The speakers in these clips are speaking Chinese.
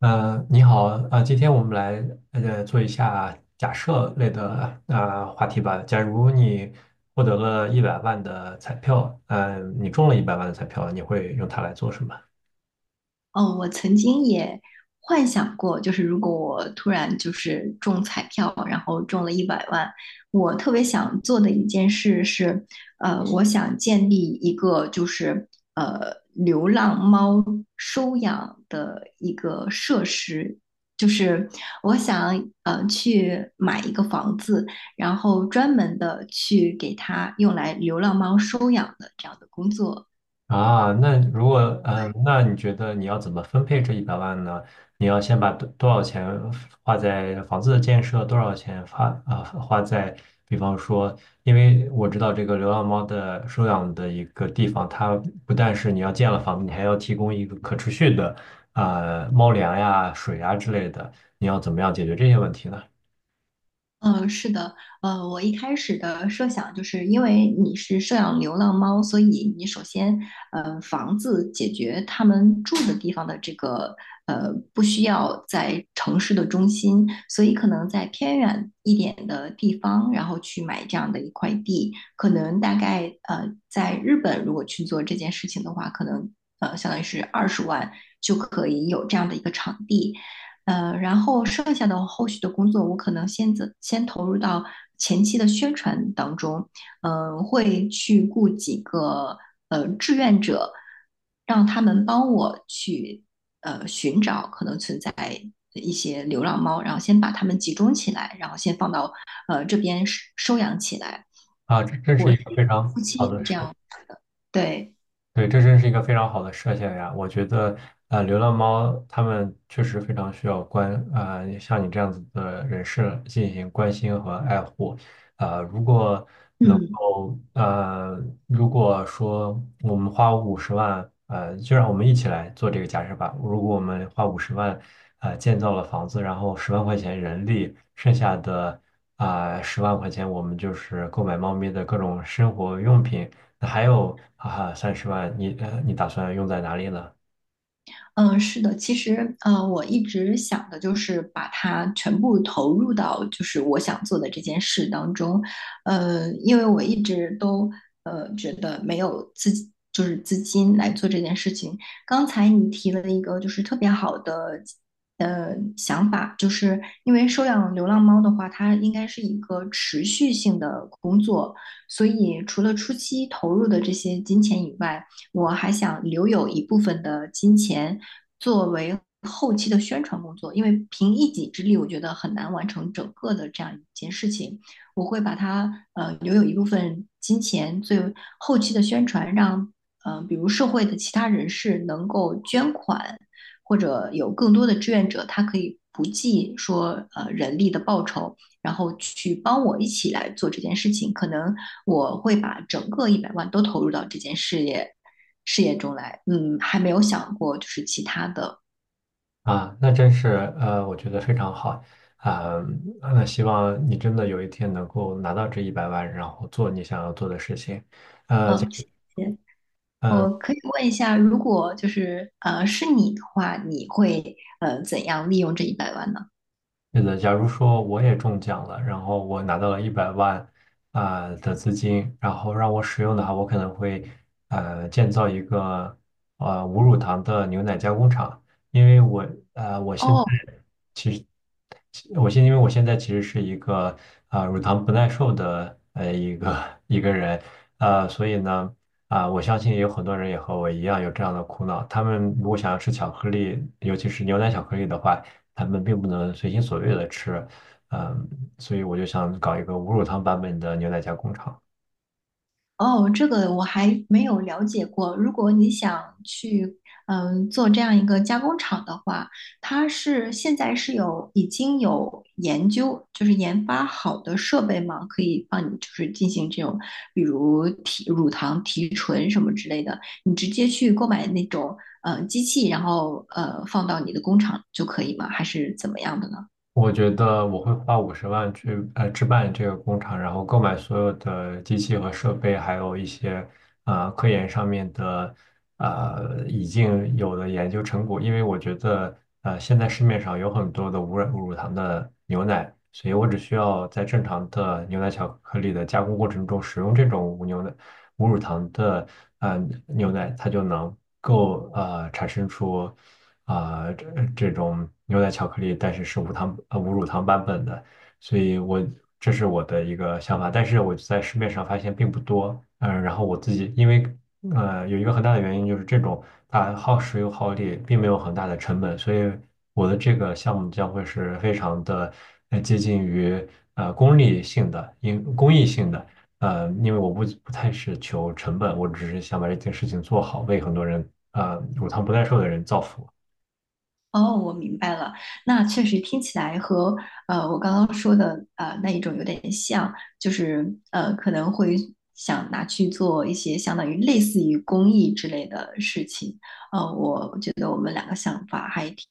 你好。今天我们来做一下假设类的话题吧。假如你获得了一百万的彩票，你中了一百万的彩票，你会用它来做什么？哦，我曾经也幻想过，就是如果我突然就是中彩票，然后中了一百万。我特别想做的一件事是，我想建立一个就是流浪猫收养的一个设施，就是我想去买一个房子，然后专门的去给它用来流浪猫收养的这样的工作。啊，那如果嗯，那你觉得你要怎么分配这一百万呢？你要先把多少钱花在房子的建设，多少钱花在，比方说，因为我知道这个流浪猫的收养的一个地方，它不但是你要建了房子，你还要提供一个可持续的猫粮呀、水呀之类的，你要怎么样解决这些问题呢？嗯，是的，我一开始的设想就是因为你是收养流浪猫，所以你首先，房子解决他们住的地方的这个，不需要在城市的中心，所以可能在偏远一点的地方，然后去买这样的一块地，可能大概，在日本如果去做这件事情的话，可能，相当于是20万就可以有这样的一个场地。然后剩下的后续的工作，我可能先走，先投入到前期的宣传当中，会去雇几个志愿者，让他们帮我去寻找可能存在一些流浪猫，然后先把它们集中起来，然后先放到这边收养起来。啊，这真是我一是个非夫常妻好的是这事。样，对，对，这真是一个非常好的设想呀！我觉得，啊，流浪猫它们确实非常需要啊，像你这样子的人士进行关心和爱护。啊。嗯。后呃，如果说我们花五十万，就让我们一起来做这个假设吧。如果我们花五十万，建造了房子，然后十万块钱人力，剩下的十万块钱，我们就是购买猫咪的各种生活用品。那还有30万，你打算用在哪里呢？嗯，是的，其实，我一直想的就是把它全部投入到就是我想做的这件事当中，因为我一直都觉得没有自己就是资金来做这件事情。刚才你提了一个就是特别好的想法，就是因为收养流浪猫的话，它应该是一个持续性的工作，所以除了初期投入的这些金钱以外，我还想留有一部分的金钱。作为后期的宣传工作，因为凭一己之力，我觉得很难完成整个的这样一件事情。我会把它留有一部分金钱作为后期的宣传，让比如社会的其他人士能够捐款，或者有更多的志愿者，他可以不计说人力的报酬，然后去帮我一起来做这件事情。可能我会把整个一百万都投入到这件事业中来。嗯，还没有想过就是其他的。啊，那真是我觉得非常好啊，那希望你真的有一天能够拿到这一百万，然后做你想要做的事情。呃，嗯，谢谢。我可以问一下，如果就是是你的话，你会怎样利用这一百万呢？对的，假如说我也中奖了，然后我拿到了一百万的资金，然后让我使用的话，我可能会建造一个无乳糖的牛奶加工厂，因为我呃我现在哦。我现因为我现在其实是一个乳糖不耐受的一个 一个人，所以呢我相信也有很多人也和我一样有这样的苦恼。他们如果想要吃巧克力，尤其是牛奶巧克力的话，他们并不能随心所欲的吃。嗯、所以我就想搞一个无乳糖版本的牛奶加工厂。哦，这个我还没有了解过。如果你想去，做这样一个加工厂的话，它是现在是有已经有研究，就是研发好的设备嘛，可以帮你就是进行这种，比如提乳糖提纯什么之类的，你直接去购买那种机器，然后放到你的工厂就可以吗？还是怎么样的呢？我觉得我会花五十万去置办这个工厂，然后购买所有的机器和设备，还有一些科研上面的已经有的研究成果。因为我觉得现在市面上有很多的无乳糖的牛奶，所以我只需要在正常的牛奶巧克力的加工过程中使用这种无牛奶无乳糖的牛奶，它就能够产生出。这种牛奶巧克力，但是是无乳糖版本的，所以这是我的一个想法，但是我在市面上发现并不多。嗯、然后我自己因为有一个很大的原因就是这种它耗时又耗力，并没有很大的成本，所以我的这个项目将会是非常的接近于功利性的，因公益性的。因为我不太是求成本，我只是想把这件事情做好，为很多人，乳糖不耐受的人造福。哦，我明白了。那确实听起来和我刚刚说的那一种有点像，就是可能会想拿去做一些相当于类似于公益之类的事情。我觉得我们两个想法还挺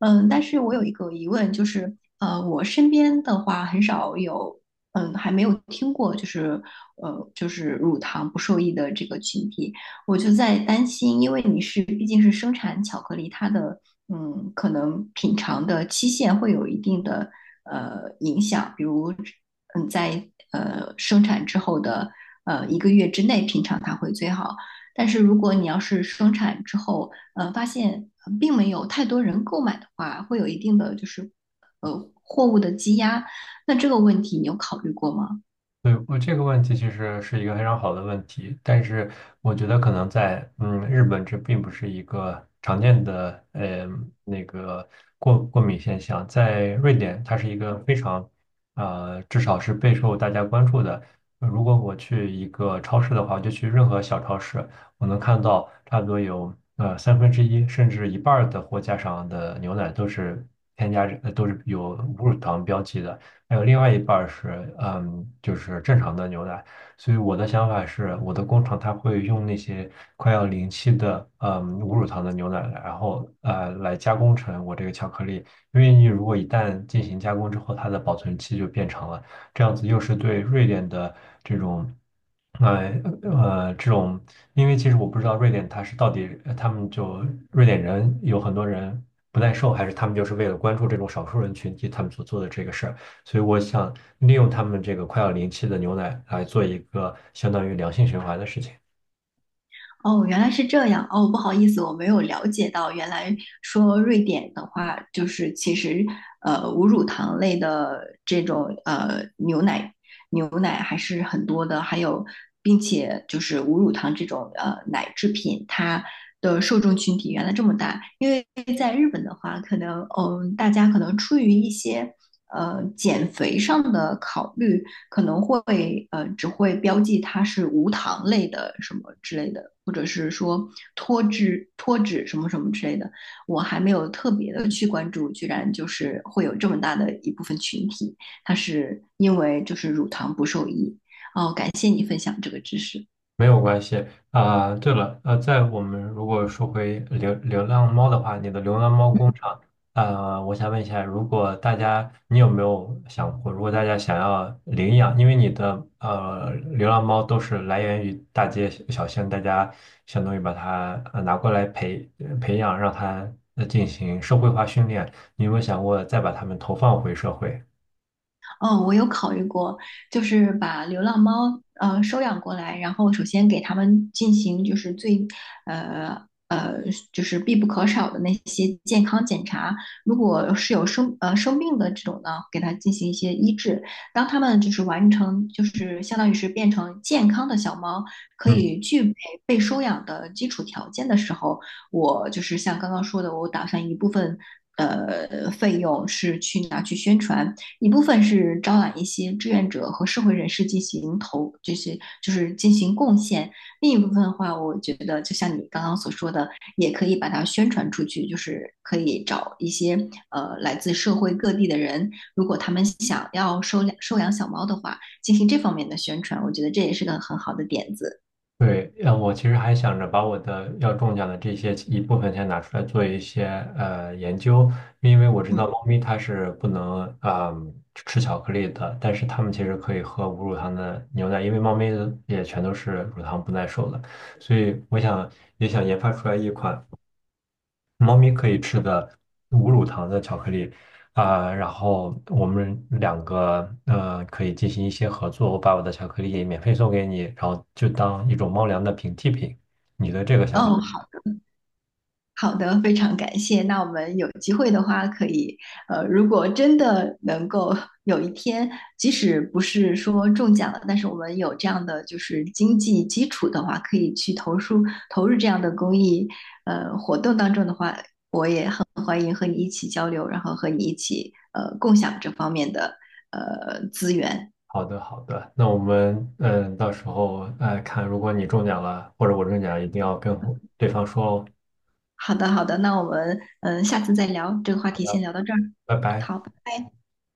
嗯，但是我有一个疑问，就是，我身边的话很少有，还没有听过，就是乳糖不受益的这个群体，我就在担心，因为你是毕竟是生产巧克力，它的，可能品尝的期限会有一定的影响，比如，在生产之后的1个月之内品尝它会最好，但是如果你要是生产之后，发现并没有太多人购买的话，会有一定的就是货物的积压。那这个问题你有考虑过吗？对，我这个问题其实是一个非常好的问题，但是我觉得可能在日本这并不是一个常见的那个过敏现象，在瑞典它是一个非常至少是备受大家关注的。如果我去一个超市的话，就去任何小超市，我能看到差不多有1/3甚至一半儿的货架上的牛奶都是添加着呃都是有无乳糖标记的。还有另外一半儿是，就是正常的牛奶。所以我的想法是，我的工厂它会用那些快要临期的，无乳糖的牛奶，然后来加工成我这个巧克力。因为你如果一旦进行加工之后，它的保存期就变长了，这样子又是对瑞典的这种。呃这种，因为其实我不知道瑞典它是到底呃他们就瑞典人有很多人不耐受，还是他们就是为了关注这种少数人群体，他们所做的这个事儿。所以我想利用他们这个快要临期的牛奶来做一个相当于良性循环的事情。哦，原来是这样。哦，不好意思，我没有了解到，原来说瑞典的话，就是其实无乳糖类的这种牛奶，还是很多的，还有并且就是无乳糖这种奶制品，它的受众群体原来这么大。因为在日本的话，可能大家可能出于一些减肥上的考虑，可能会只会标记它是无糖类的什么之类的，或者是说脱脂什么什么之类的。我还没有特别的去关注，居然就是会有这么大的一部分群体，它是因为就是乳糖不受益。哦，感谢你分享这个知识。没有关系啊，对了，在我们如果说回流流浪猫的话，你的流浪猫工厂，我想问一下，如果大家，你有没有想过，如果大家想要领养，因为你的流浪猫都是来源于大街小小巷，大家相当于把它拿过来培养，让它进行社会化训练，你有没有想过再把它们投放回社会？哦，我有考虑过，就是把流浪猫收养过来，然后首先给它们进行就是最呃呃就是必不可少的那些健康检查，如果是有生病的这种呢，给它进行一些医治。当它们就是完成就是相当于是变成健康的小猫，可嗯。以具备被收养的基础条件的时候，我就是像刚刚说的，我打算一部分。费用是去拿去宣传，一部分是招揽一些志愿者和社会人士进行就是进行贡献；另一部分的话，我觉得就像你刚刚所说的，也可以把它宣传出去，就是可以找一些来自社会各地的人，如果他们想要收养小猫的话，进行这方面的宣传，我觉得这也是个很好的点子。对，我其实还想着把我的要中奖的这些一部分钱拿出来做一些研究，因为我知道嗯，猫咪它是不能吃巧克力的，但是它们其实可以喝无乳糖的牛奶，因为猫咪也全都是乳糖不耐受的，所以也想研发出来一款。猫咪可以吃的无乳糖的巧克力。然后我们两个可以进行一些合作，我把我的巧克力免费送给你，然后就当一种猫粮的平替品。你的这个想法？哦，好的，非常感谢。那我们有机会的话，可以，如果真的能够有一天，即使不是说中奖了，但是我们有这样的就是经济基础的话，可以去投入这样的公益活动当中的话，欢迎和你一起交流，然后和你一起共享这方面的资源。好的，好的，那我们到时候看，如果你中奖了，或者我中奖了，一定要跟对方说哦。好的，好的，那我们下次再聊这个话题，先聊到这儿。拜拜。好，拜拜。